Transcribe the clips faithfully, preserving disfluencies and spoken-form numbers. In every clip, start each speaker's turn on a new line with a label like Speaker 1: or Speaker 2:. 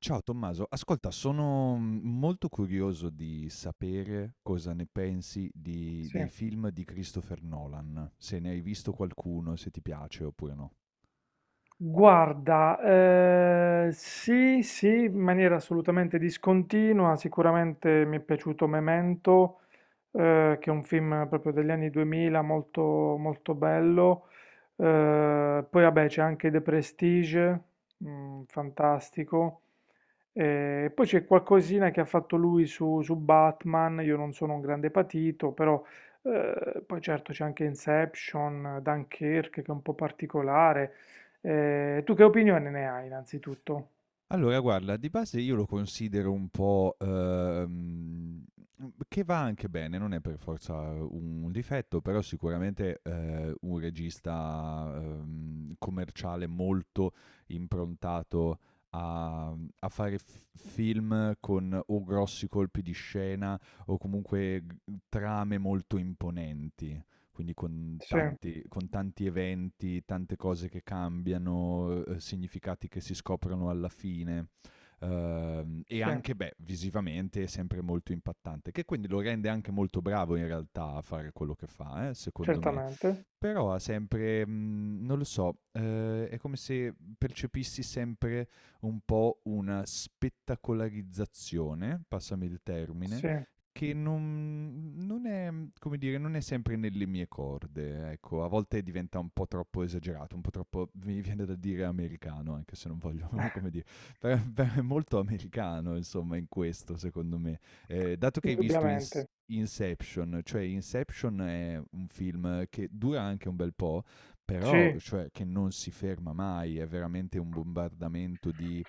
Speaker 1: Ciao Tommaso, ascolta, sono mm, molto curioso di sapere cosa ne pensi di-
Speaker 2: Sì,
Speaker 1: dei film di Christopher Nolan, se ne hai visto qualcuno, se ti piace oppure no.
Speaker 2: guarda, ehm, sì, sì, in maniera assolutamente discontinua, sicuramente mi è piaciuto Memento, eh, che è un film proprio degli anni duemila molto, molto bello. Eh, poi vabbè c'è anche The Prestige, mm, fantastico. Eh, e poi c'è qualcosina che ha fatto lui su, su Batman, io non sono un grande patito, però eh, poi certo c'è anche Inception, Dunkirk che è un po' particolare. Eh, tu che opinione ne hai innanzitutto?
Speaker 1: Allora guarda, di base io lo considero un po', ehm, mhmm, che va anche bene, non è per forza un difetto, però sicuramente, ehm, un regista, ehm, commerciale molto improntato a mhmm, a fare f film con o grossi colpi di scena o comunque g trame molto imponenti, quindi con
Speaker 2: Sì,
Speaker 1: tanti, con tanti eventi, tante cose che cambiano, eh, significati che si scoprono alla fine. Ehm, e
Speaker 2: sì,
Speaker 1: anche, beh, visivamente è sempre molto impattante, che quindi lo rende anche molto bravo in realtà a fare quello che fa, eh, secondo me.
Speaker 2: certamente,
Speaker 1: Però ha sempre, mhmm, non lo so, ehm, è come se percepissi sempre un po' una spettacolarizzazione, passami il termine,
Speaker 2: sì,
Speaker 1: che non non è, come dire, non è sempre nelle mie corde, ecco. A volte diventa un po' troppo esagerato, un po' troppo mi viene da dire americano, anche se non voglio come dire, però però è molto americano insomma in questo secondo me. Ehm, dato che hai visto in s
Speaker 2: indubbiamente,
Speaker 1: Inception, cioè Inception è un film che dura anche un bel po', però
Speaker 2: sì.
Speaker 1: cioè, che non si ferma mai, è veramente un bombardamento di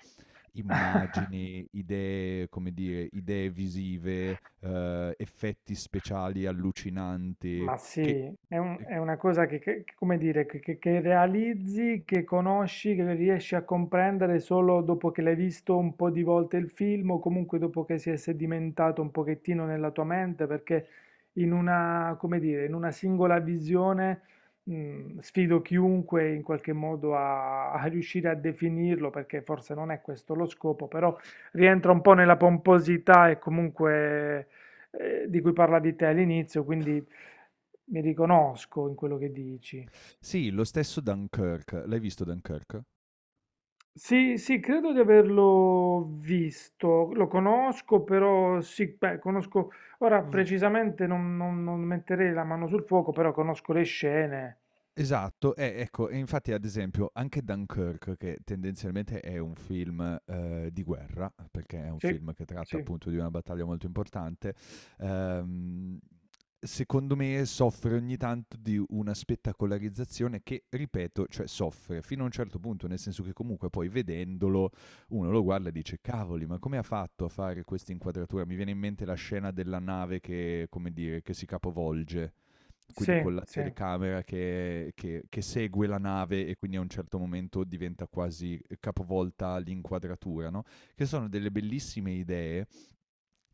Speaker 1: immagini, idee, come dire, idee visive, eh, effetti speciali allucinanti.
Speaker 2: Ma
Speaker 1: Che...
Speaker 2: sì, è, un-
Speaker 1: eh,
Speaker 2: è una cosa che, che- che- come dire, che, che- che realizzi, che conosci, che riesci a comprendere solo dopo che l'hai visto un po' di volte il film o comunque dopo che si è sedimentato un pochettino nella tua mente, perché in una, come dire, in una singola visione, mh, sfido chiunque in qualche modo a, a riuscire a definirlo, perché forse non è questo lo scopo, però rientra un po' nella pomposità e comunque eh, di cui parlavi te all'inizio, quindi mi riconosco in quello che dici.
Speaker 1: Sì, lo stesso Dunkirk, l'hai visto Dunkirk?
Speaker 2: Sì, sì, credo di averlo visto, lo conosco, però sì, beh, conosco, ora precisamente non, non- non metterei la mano sul fuoco, però conosco le scene.
Speaker 1: Esatto, eh, ecco, e infatti ad esempio anche Dunkirk, che tendenzialmente è un film eh, di guerra, perché è un
Speaker 2: Sì,
Speaker 1: film che tratta
Speaker 2: sì,
Speaker 1: appunto di una battaglia molto importante, ehm, secondo me soffre ogni tanto di una spettacolarizzazione che, ripeto, cioè soffre fino a un certo punto, nel senso che comunque poi vedendolo uno lo guarda e dice cavoli, ma come ha fatto a fare questa inquadratura? Mi viene in mente la scena della nave che, come dire, che si capovolge, quindi con
Speaker 2: sì,
Speaker 1: la
Speaker 2: sì,
Speaker 1: telecamera che che che segue la nave e quindi a un certo momento diventa quasi eh, capovolta l'inquadratura, no, che sono delle bellissime idee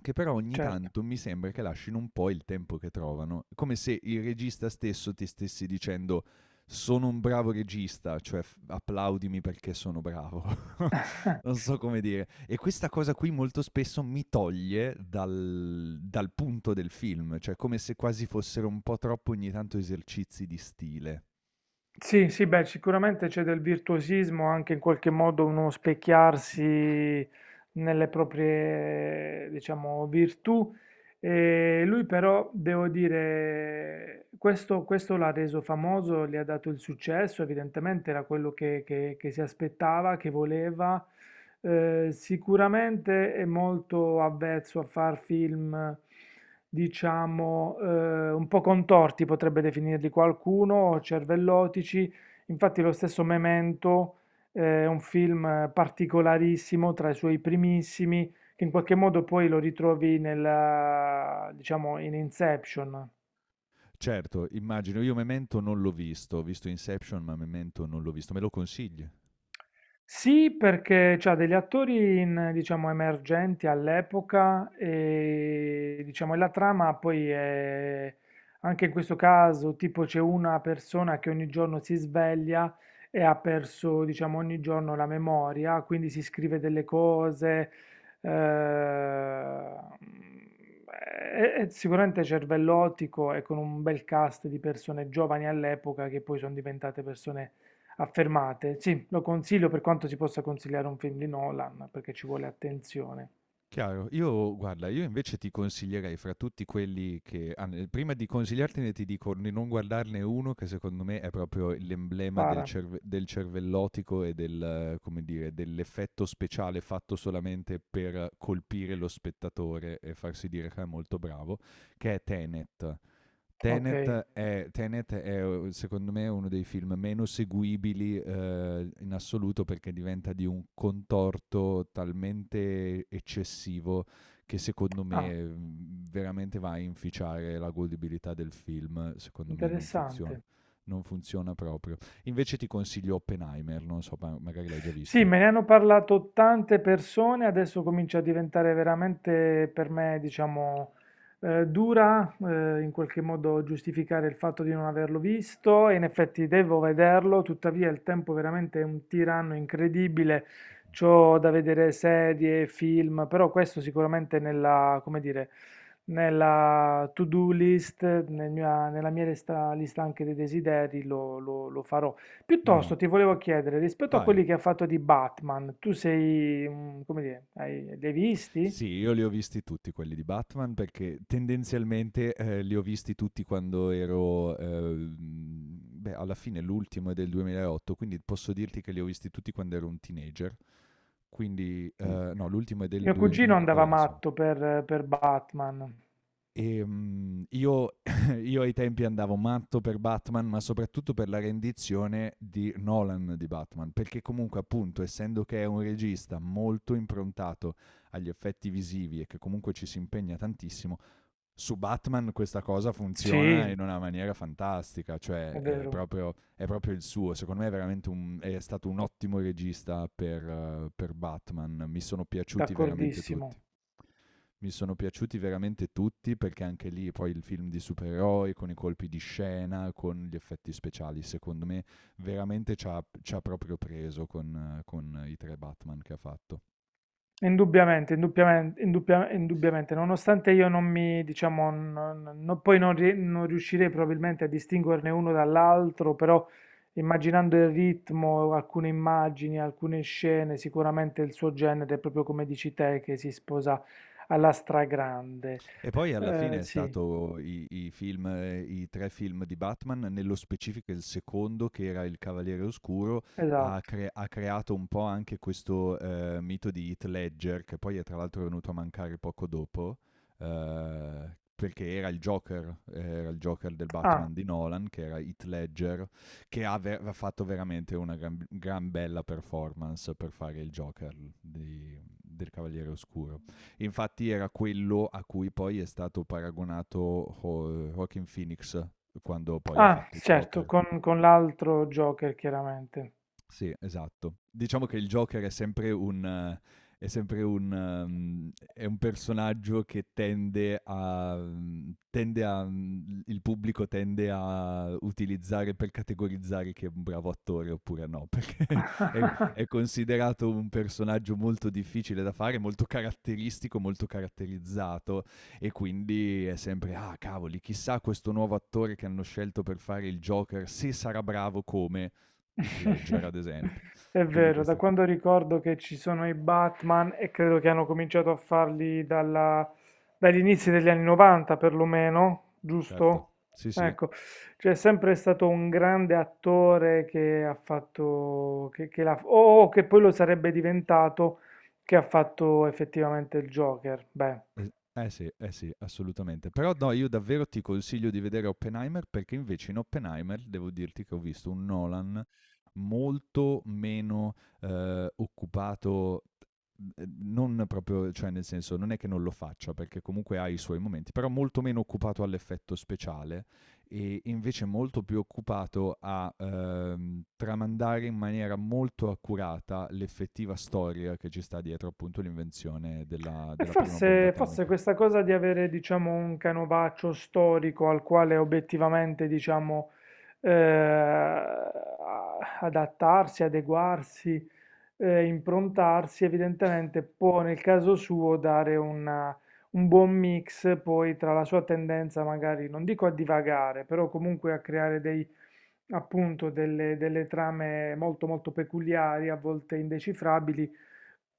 Speaker 1: che però ogni
Speaker 2: certo.
Speaker 1: tanto mi sembra che lasciano un po' il tempo che trovano, come se il regista stesso ti stessi dicendo sono un bravo regista, cioè f- applaudimi perché sono bravo. Non so come dire. E questa cosa qui molto spesso mi toglie dal, dal punto del film, cioè come se quasi fossero un po' troppo ogni tanto esercizi di stile.
Speaker 2: Sì, sì, beh, sicuramente c'è del virtuosismo, anche in qualche modo uno specchiarsi nelle proprie, diciamo, virtù. E lui però, devo dire, questo, questo l'ha reso famoso, gli ha dato il successo, evidentemente era quello che, che- che si aspettava, che voleva. Eh, sicuramente è molto avvezzo a far film, diciamo, eh, un po' contorti, potrebbe definirli qualcuno, o cervellotici. Infatti lo stesso Memento eh, è un film particolarissimo, tra i suoi primissimi che in qualche modo poi lo ritrovi nella, diciamo, in Inception.
Speaker 1: Certo, immagino, io Memento non l'ho visto, ho visto Inception, ma Memento non l'ho visto. Me lo consigli?
Speaker 2: Sì, perché c'ha degli attori in, diciamo, emergenti all'epoca e diciamo, e la trama poi è, anche in questo caso, tipo c'è una persona che ogni giorno si sveglia e ha perso, diciamo, ogni giorno la memoria, quindi si scrive delle cose, eh, è, è sicuramente cervellotico e con un bel cast di persone giovani all'epoca che poi sono diventate persone affermate, sì, lo consiglio per quanto si possa consigliare un film di Nolan, perché ci vuole attenzione.
Speaker 1: Chiaro. Io guarda, io invece ti consiglierei fra tutti quelli che ah, n prima di consigliartene ti dico di non guardarne uno che secondo me è proprio l'emblema del
Speaker 2: Spara.
Speaker 1: cerve del cervellotico e del eh, come dire, dell'effetto speciale fatto solamente per colpire lo spettatore e farsi dire che è molto bravo, che è Tenet.
Speaker 2: Ok.
Speaker 1: Tenet è, Tenet è, secondo me uno dei film meno seguibili eh, in assoluto perché diventa di un contorto talmente eccessivo che secondo
Speaker 2: Ah,
Speaker 1: me mm, veramente va a inficiare la godibilità del film, secondo me non funziona,
Speaker 2: interessante.
Speaker 1: non funziona proprio. Invece ti consiglio Oppenheimer, non so, ma- magari l'hai già
Speaker 2: Sì,
Speaker 1: visto.
Speaker 2: me ne hanno parlato tante persone, adesso comincia a diventare veramente per me, diciamo, eh, dura, eh, in qualche modo giustificare il fatto di non averlo visto e in effetti devo vederlo, tuttavia il tempo veramente è un tiranno incredibile, c'ho da vedere serie, film, però questo sicuramente nella, come dire, nella to-do list, nel mia- nella mia lista, lista anche dei desideri lo lo- lo farò.
Speaker 1: Ma
Speaker 2: Piuttosto ti volevo chiedere, rispetto a
Speaker 1: vai,
Speaker 2: quelli che ha fatto di Batman, tu sei, mm, come dire, hai, li hai
Speaker 1: sì,
Speaker 2: visti?
Speaker 1: io li ho visti tutti quelli di Batman perché tendenzialmente, ehm, li ho visti tutti quando ero ehm, beh, alla fine l'ultimo è del duemilaotto, quindi posso dirti che li ho visti tutti quando ero un teenager. Quindi,
Speaker 2: Mm.
Speaker 1: ehm, no, l'ultimo è del
Speaker 2: Mio cugino
Speaker 1: duemila
Speaker 2: andava
Speaker 1: vabbè insomma.
Speaker 2: matto per, per Batman.
Speaker 1: Ehm, io io ai tempi andavo matto per Batman, ma soprattutto per la rendizione di Nolan di Batman, perché comunque appunto, essendo che è un regista molto improntato agli effetti visivi e che comunque ci si impegna tantissimo su Batman, questa cosa funziona
Speaker 2: Sì,
Speaker 1: in una maniera fantastica, cioè
Speaker 2: è
Speaker 1: è
Speaker 2: vero,
Speaker 1: proprio, è proprio il suo, secondo me è veramente un, è stato un ottimo regista per, eh, per Batman, mi sono piaciuti veramente tutti.
Speaker 2: d'accordissimo.
Speaker 1: Mi sono piaciuti veramente tutti perché anche lì poi il film di supereroi con i colpi di scena, con gli effetti speciali, secondo me veramente ci ha, ci ha proprio preso con, eh, con i tre Batman che ha fatto.
Speaker 2: Indubbiamente, indubbiamente, indubbia- indubbiamente, nonostante io non mi, diciamo, non- non- poi non, ri- non riuscirei probabilmente a distinguerne uno dall'altro, però immaginando il ritmo, alcune immagini, alcune scene, sicuramente il suo genere, proprio come dici te, che si sposa alla stragrande.
Speaker 1: E poi alla
Speaker 2: Eh,
Speaker 1: fine è
Speaker 2: sì,
Speaker 1: stato i i film ehm, i tre film di Batman, nello specifico il secondo che era Il Cavaliere Oscuro, ha
Speaker 2: esatto.
Speaker 1: cre ha creato un po' anche questo, ehm, mito di Heath Ledger, che poi è tra l'altro venuto a mancare poco dopo, ehm, perché era il Joker, eh, era il Joker del
Speaker 2: Ah,
Speaker 1: Batman di Nolan, che era Heath Ledger, che ha ve ha fatto veramente una gran gran bella performance per fare il Joker di del Cavaliere Oscuro. Infatti era quello a cui poi è stato paragonato Ho- Joaquin Phoenix quando poi ha
Speaker 2: ah,
Speaker 1: fatto
Speaker 2: certo,
Speaker 1: Joker.
Speaker 2: con, con l'altro Joker, chiaramente.
Speaker 1: Sì, esatto. Diciamo che il Joker è sempre un... eh, è sempre un, ehm, è un personaggio che tende a, tende a, mm, il pubblico tende a utilizzare per categorizzare che è un bravo attore oppure no, per È, è considerato un personaggio molto difficile da fare, molto caratteristico, molto caratterizzato e quindi è sempre, ah cavoli, chissà questo nuovo attore che hanno scelto per fare il Joker, se sarà bravo come Heath Ledger, ad esempio.
Speaker 2: È
Speaker 1: Quindi
Speaker 2: vero, da
Speaker 1: questo,
Speaker 2: quando ricordo che ci sono i Batman e credo che hanno cominciato a farli dalla- dagli inizi degli anni novanta perlomeno,
Speaker 1: certo,
Speaker 2: giusto?
Speaker 1: sì sì.
Speaker 2: Ecco, c'è sempre stato un grande attore che ha fatto, che, che l'ha- o o che poi lo sarebbe diventato, che ha fatto effettivamente il Joker. Beh.
Speaker 1: Eh, eh sì, eh sì, assolutamente. Però no, io davvero ti consiglio di vedere Oppenheimer perché invece in Oppenheimer devo dirti che ho visto un Nolan molto meno eh, occupato, eh, non proprio, cioè nel senso non è che non lo faccia perché comunque ha i suoi momenti, però molto meno occupato all'effetto speciale e invece molto più occupato a ehm, tramandare in maniera molto accurata l'effettiva storia che ci sta dietro appunto l'invenzione della,
Speaker 2: E
Speaker 1: della prima bomba
Speaker 2: forse, forse
Speaker 1: atomica.
Speaker 2: questa cosa di avere, diciamo, un canovaccio storico al quale obiettivamente, diciamo, eh, a- adattarsi, adeguarsi, eh, improntarsi, evidentemente può nel caso suo dare una- un buon mix poi tra la sua tendenza magari, non dico a divagare, però comunque a creare dei, appunto, delle delle trame molto molto peculiari, a volte indecifrabili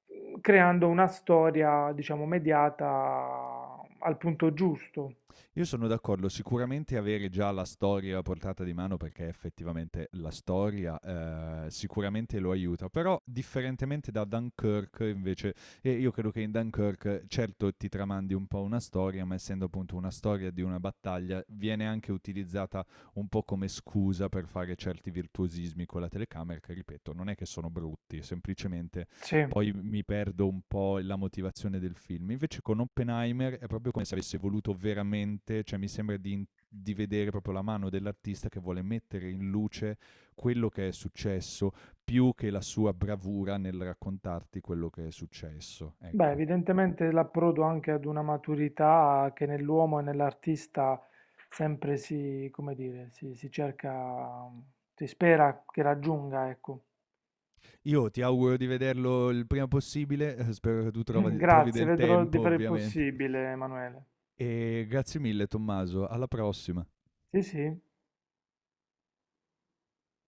Speaker 2: mhmm, creando una storia, diciamo, mediata al punto giusto.
Speaker 1: Io sono d'accordo, sicuramente avere già la storia a portata di mano perché effettivamente la storia eh, sicuramente lo aiuta, però differentemente da Dunkirk invece, e io credo che in Dunkirk certo ti tramandi un po' una storia, ma essendo appunto una storia di una battaglia viene anche utilizzata un po' come scusa per fare certi virtuosismi con la telecamera che ripeto non è che sono brutti, semplicemente
Speaker 2: Sì.
Speaker 1: poi mi perdo un po' la motivazione del film. Invece con Oppenheimer è proprio come se avesse voluto veramente, cioè mi sembra di, in- di vedere proprio la mano dell'artista che vuole mettere in luce quello che è successo più che la sua bravura nel raccontarti quello che è successo.
Speaker 2: Beh,
Speaker 1: Ecco.
Speaker 2: evidentemente l'approdo anche ad una maturità che nell'uomo e nell'artista sempre si, come dire, si, si cerca, mhmm, si spera che raggiunga, ecco.
Speaker 1: Io ti auguro di vederlo il prima possibile, eh, spero che tu trovi, trovi
Speaker 2: Grazie,
Speaker 1: del
Speaker 2: vedrò
Speaker 1: tempo
Speaker 2: di fare il
Speaker 1: ovviamente.
Speaker 2: possibile, Emanuele.
Speaker 1: E grazie mille Tommaso, alla prossima.
Speaker 2: Sì, sì.